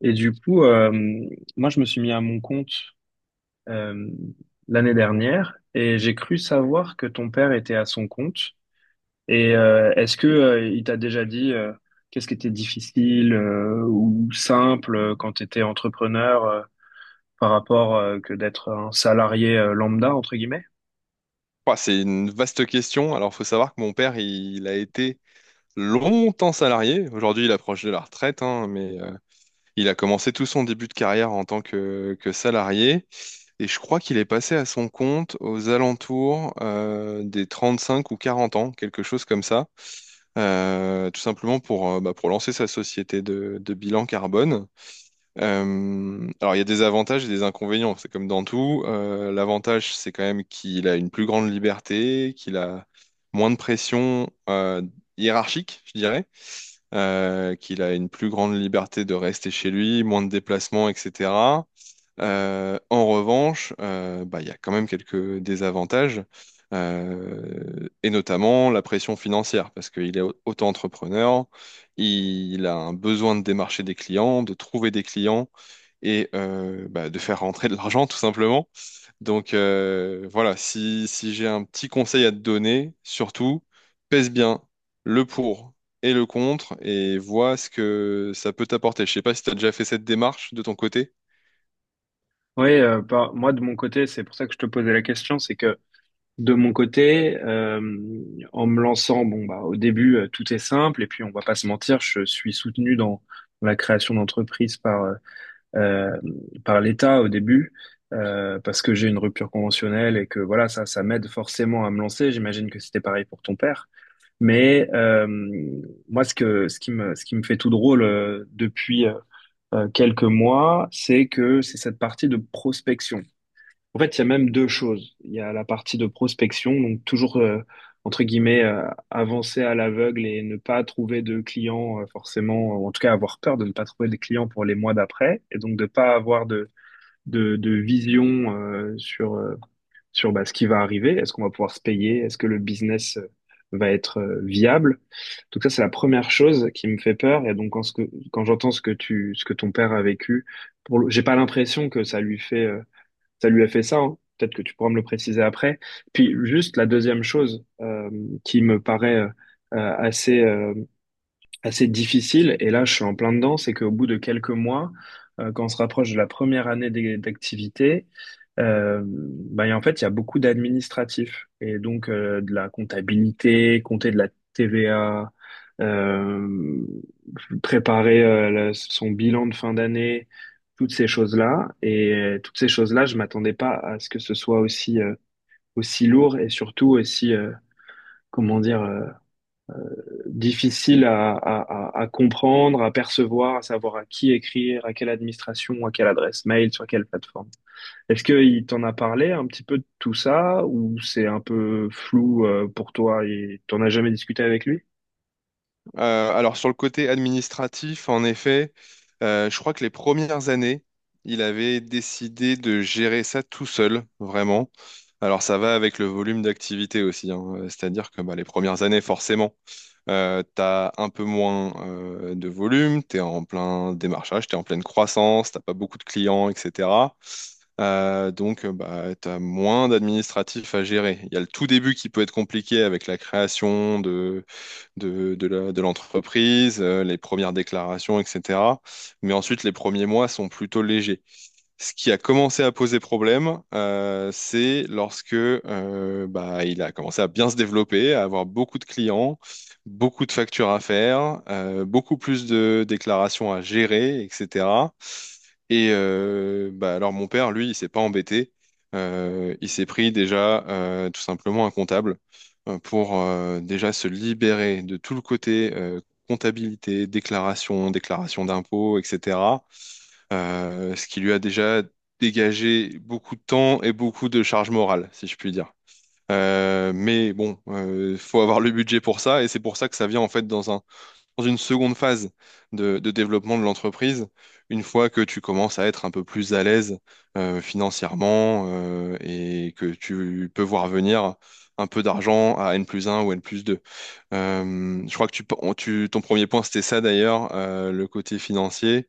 Et du coup, euh, moi, je me suis mis à mon compte euh, l'année dernière, et j'ai cru savoir que ton père était à son compte. Est-ce que il t'a déjà dit, qu'est-ce qui était difficile, ou simple, quand tu étais entrepreneur, par rapport, que d'être un salarié lambda, entre guillemets? Bah, c'est une vaste question. Alors, faut savoir que mon père, il a été longtemps salarié. Aujourd'hui, il approche de la retraite, hein, mais il a commencé tout son début de carrière en tant que salarié. Et je crois qu'il est passé à son compte aux alentours des 5 ou 40 ans, quelque chose comme ça. Tout simplement pour, bah, pour lancer sa société de bilan carbone. Alors, il y a des avantages et des inconvénients, c'est comme dans tout. L'avantage, c'est quand même qu'il a une plus grande liberté, qu'il a moins de pression hiérarchique, je dirais, qu'il a une plus grande liberté de rester chez lui, moins de déplacements, etc. En revanche, bah, il y a quand même quelques désavantages, et notamment la pression financière, parce qu'il est auto-entrepreneur, il a un besoin de démarcher des clients, de trouver des clients et bah, de faire rentrer de l'argent tout simplement. Donc voilà, si j'ai un petit conseil à te donner, surtout, pèse bien le pour et le contre et vois ce que ça peut t'apporter. Je sais pas si tu as déjà fait cette démarche de ton côté. Oui, moi, de mon côté, c'est pour ça que je te posais la question, c'est que de mon côté, en me lançant, bon bah au début, tout est simple, et puis on va pas se mentir, je suis soutenu dans la création d'entreprises par euh, par l'État au début, parce que j'ai une rupture conventionnelle et que voilà, ça m'aide forcément à me lancer. J'imagine que c'était pareil pour ton père, mais euh, moi ce qui me fait tout drôle, depuis quelques mois, c'est que c'est cette partie de prospection. En fait, il y a même deux choses. Il y a la partie de prospection, donc toujours, entre guillemets, avancer à l'aveugle et ne pas trouver de clients, forcément, ou en tout cas avoir peur de ne pas trouver de clients pour les mois d'après, et donc de pas avoir de vision, sur bah, ce qui va arriver. Est-ce qu'on va pouvoir se payer? Est-ce que le business va être viable? Donc ça, c'est la première chose qui me fait peur. Et donc quand j'entends ce que ton père a vécu, j'ai pas l'impression que ça lui fait... ça lui a fait ça, hein. Peut-être que tu pourras me le préciser après. Puis juste la deuxième chose, qui me paraît assez, assez difficile, et là je suis en plein dedans, c'est qu'au bout de quelques mois, quand on se rapproche de la première d'activité, bah, et en fait il y a beaucoup d'administratifs, et donc, de la comptabilité, compter de la TVA, euh, préparer, son bilan de fin d'année, toutes ces choses-là. Et toutes ces choses-là, je m'attendais pas à ce que ce soit aussi, aussi lourd, et surtout aussi, comment dire, difficile à comprendre, à percevoir, à savoir à qui écrire, à quelle administration, à quelle adresse mail, sur quelle plateforme. Est-ce qu'il t'en a parlé un petit peu de tout ça, ou c'est un peu flou, pour toi, et t'en as jamais discuté avec lui? Alors sur le côté administratif, en effet, je crois que les premières années, il avait décidé de gérer ça tout seul, vraiment. Alors ça va avec le volume d'activité aussi, hein. C'est-à-dire que bah, les premières années, forcément. T'as un peu moins de volume, t'es en plein démarchage, t'es en pleine croissance, t'as pas beaucoup de clients, etc. Donc bah, t'as moins d'administratifs à gérer. Il y a le tout début qui peut être compliqué avec la création de de l'entreprise, les premières déclarations, etc. Mais ensuite, les premiers mois sont plutôt légers. Ce qui a commencé à poser problème, c'est lorsque bah, il a commencé à bien se développer, à avoir beaucoup de clients, beaucoup de factures à faire, beaucoup plus de déclarations à gérer, etc. Et bah, alors mon père, lui, il s'est pas embêté. Il s'est pris déjà tout simplement un comptable pour déjà se libérer de tout le côté comptabilité, déclaration, déclaration d'impôts, etc. Ce qui lui a déjà dégagé beaucoup de temps et beaucoup de charge morale, si je puis dire. Mais bon, faut avoir le budget pour ça, et c'est pour ça que ça vient en fait dans un, dans une seconde phase de développement de l'entreprise, une fois que tu commences à être un peu plus à l'aise financièrement et que tu peux voir venir un peu d'argent à N plus un ou N plus 2. Je crois que ton premier point, c'était ça d'ailleurs, le côté financier.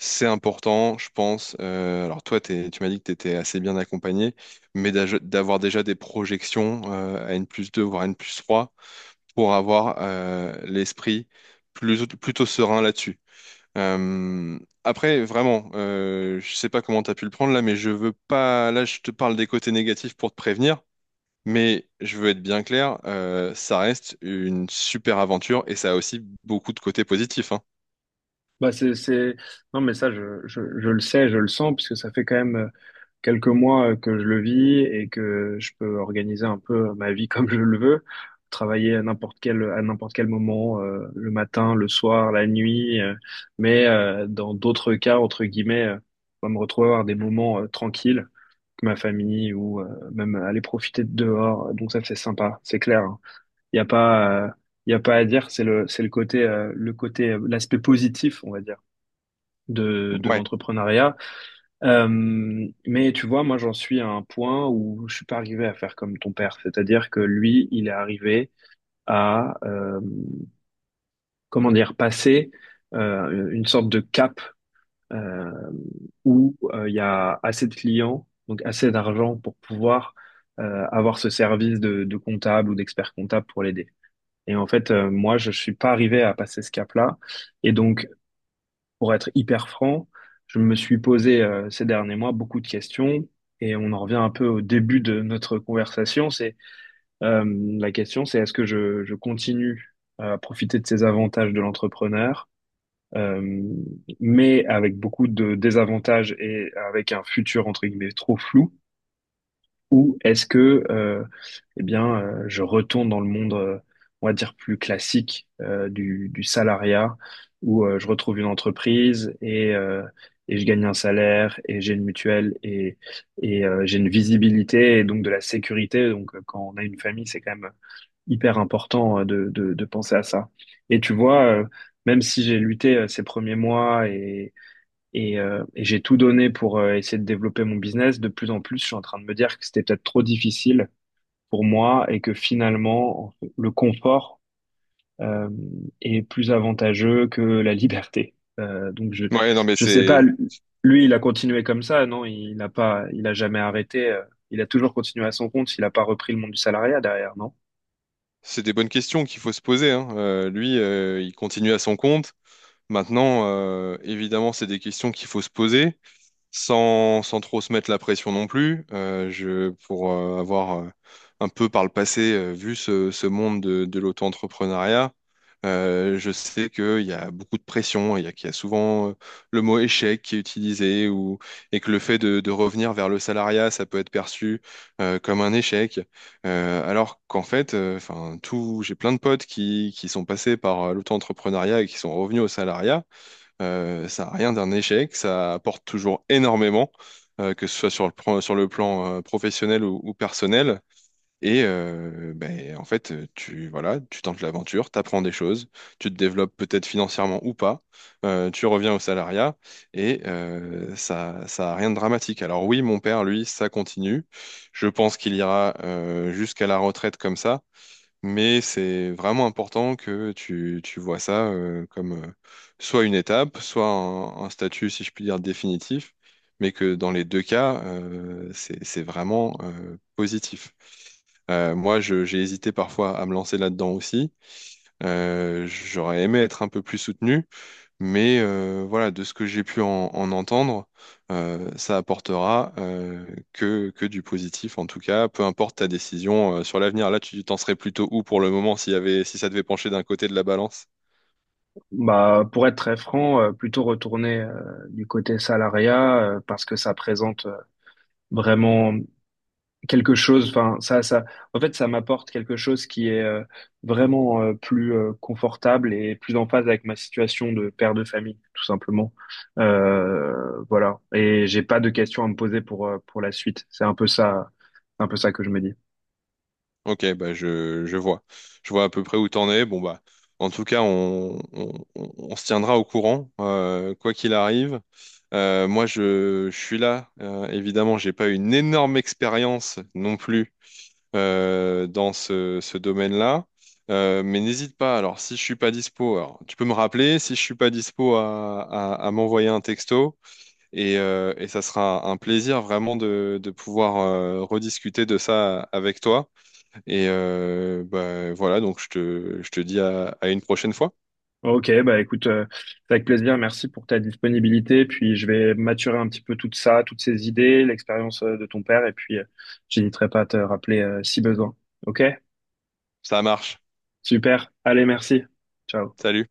C'est important, je pense. Alors toi, tu m'as dit que tu étais assez bien accompagné, mais d'avoir déjà des projections à N plus 2, voire N plus 3, pour avoir l'esprit plutôt serein là-dessus. Euh, Après, vraiment, je sais pas comment tu as pu le prendre là, mais je veux pas. Là, je te parle des côtés négatifs pour te prévenir, mais je veux être bien clair, ça reste une super aventure et ça a aussi beaucoup de côtés positifs, hein. Bah c'est... Non, mais ça je le sais, je le sens, puisque ça fait quand même quelques mois, que je le vis et que je peux organiser un peu ma vie comme je le veux, travailler à n'importe quel moment, le matin, le soir, la nuit, mais dans d'autres cas, entre guillemets, on va me retrouver à avoir des moments, tranquilles avec ma famille, ou même aller profiter de dehors. Donc ça, c'est sympa, c'est clair, hein. Il n'y a pas, il y a pas à dire, c'est le côté, l'aspect positif, on va dire, de Ouais. l'entrepreneuriat. Mais tu vois, moi j'en suis à un point où je suis pas arrivé à faire comme ton père, c'est-à-dire que lui, il est arrivé à comment dire, passer une sorte de cap, euh, où il y a assez de clients, donc assez d'argent pour pouvoir, avoir ce service de comptable ou d'expert comptable pour l'aider. Et en fait, moi, je suis pas arrivé à passer ce cap-là, et donc pour être hyper franc, je me suis posé, ces derniers mois, beaucoup de questions, et on en revient un peu au début de notre conversation. C'est euh, la question, c'est est-ce je continue à profiter de ces avantages de l'entrepreneur, euh, mais avec beaucoup de désavantages et avec un futur, entre guillemets, trop flou, ou est-ce que eh bien, je retourne dans le monde, on va dire, plus classique, du salariat, où, je retrouve une entreprise, et je gagne un salaire, et j'ai une mutuelle, et, j'ai une visibilité et donc de la sécurité. Donc, quand on a une famille, c'est quand même hyper important, de penser à ça. Et tu vois, même si j'ai lutté, ces premiers mois, et j'ai tout donné pour, essayer de développer mon business. De plus en plus, je suis en train de me dire que c'était peut-être trop difficile pour moi, et que finalement, le confort, euh, est plus avantageux que la liberté. Euh, donc je Ouais, non, mais je sais pas. c'est. Lui, il a continué comme ça, non? Il n'a pas, il a jamais arrêté. Il a toujours continué à son compte. Il n'a pas repris le monde du salariat derrière, non? C'est des bonnes questions qu'il faut se poser, hein. Lui, il continue à son compte. Maintenant, évidemment, c'est des questions qu'il faut se poser sans trop se mettre la pression non plus. Je, pour avoir un peu par le passé vu ce monde de l'auto-entrepreneuriat, je sais qu'il y a beaucoup de pression, qu'il y a souvent le mot échec qui est utilisé ou, et que le fait de revenir vers le salariat, ça peut être perçu comme un échec. Alors qu'en fait, enfin, j'ai plein de potes qui sont passés par l'auto-entrepreneuriat et qui sont revenus au salariat. Ça n'a rien d'un échec, ça apporte toujours énormément, que ce soit sur sur le plan professionnel ou personnel. Et ben, en fait, tu voilà, tu tentes l'aventure, tu apprends des choses, tu te développes peut-être financièrement ou pas, tu reviens au salariat et ça, ça a rien de dramatique. Alors oui, mon père, lui, ça continue. Je pense qu'il ira jusqu'à la retraite comme ça. Mais c'est vraiment important que tu vois ça comme soit une étape, soit un statut, si je puis dire, définitif, mais que dans les deux cas, c'est vraiment positif. Moi, j'ai hésité parfois à me lancer là-dedans aussi. J'aurais aimé être un peu plus soutenu, mais voilà, de ce que j'ai pu en entendre, ça apportera que du positif, en tout cas, peu importe ta décision sur l'avenir. Là, tu t'en serais plutôt où pour le moment si ça devait pencher d'un côté de la balance? Bah, pour être très franc, plutôt retourner, du côté salariat, parce que ça présente, vraiment quelque chose, enfin en fait, ça m'apporte quelque chose qui est, vraiment plus confortable et plus en phase avec ma situation de père de famille, tout simplement. Voilà. Et j'ai pas de questions à me poser pour, pour la suite. C'est un peu ça que je me dis. Ok, bah je vois. Je vois à peu près où t'en es. Bon, bah, en tout cas, on se tiendra au courant, quoi qu'il arrive. Moi, je suis là. Évidemment, j'ai pas une énorme expérience non plus dans ce domaine-là. Mais n'hésite pas, alors si je suis pas dispo, alors, tu peux me rappeler, si je suis pas dispo à m'envoyer un texto et ça sera un plaisir vraiment de pouvoir rediscuter de ça avec toi. Et bah, voilà, donc je te dis à une prochaine fois. Ok, bah écoute, c'est avec plaisir. Merci pour ta disponibilité. Puis je vais maturer un petit peu tout ça, toutes ces idées, l'expérience, de ton père, et puis, j'hésiterai pas à te rappeler, si besoin. Ok, Ça marche. super. Allez, merci. Ciao. Salut.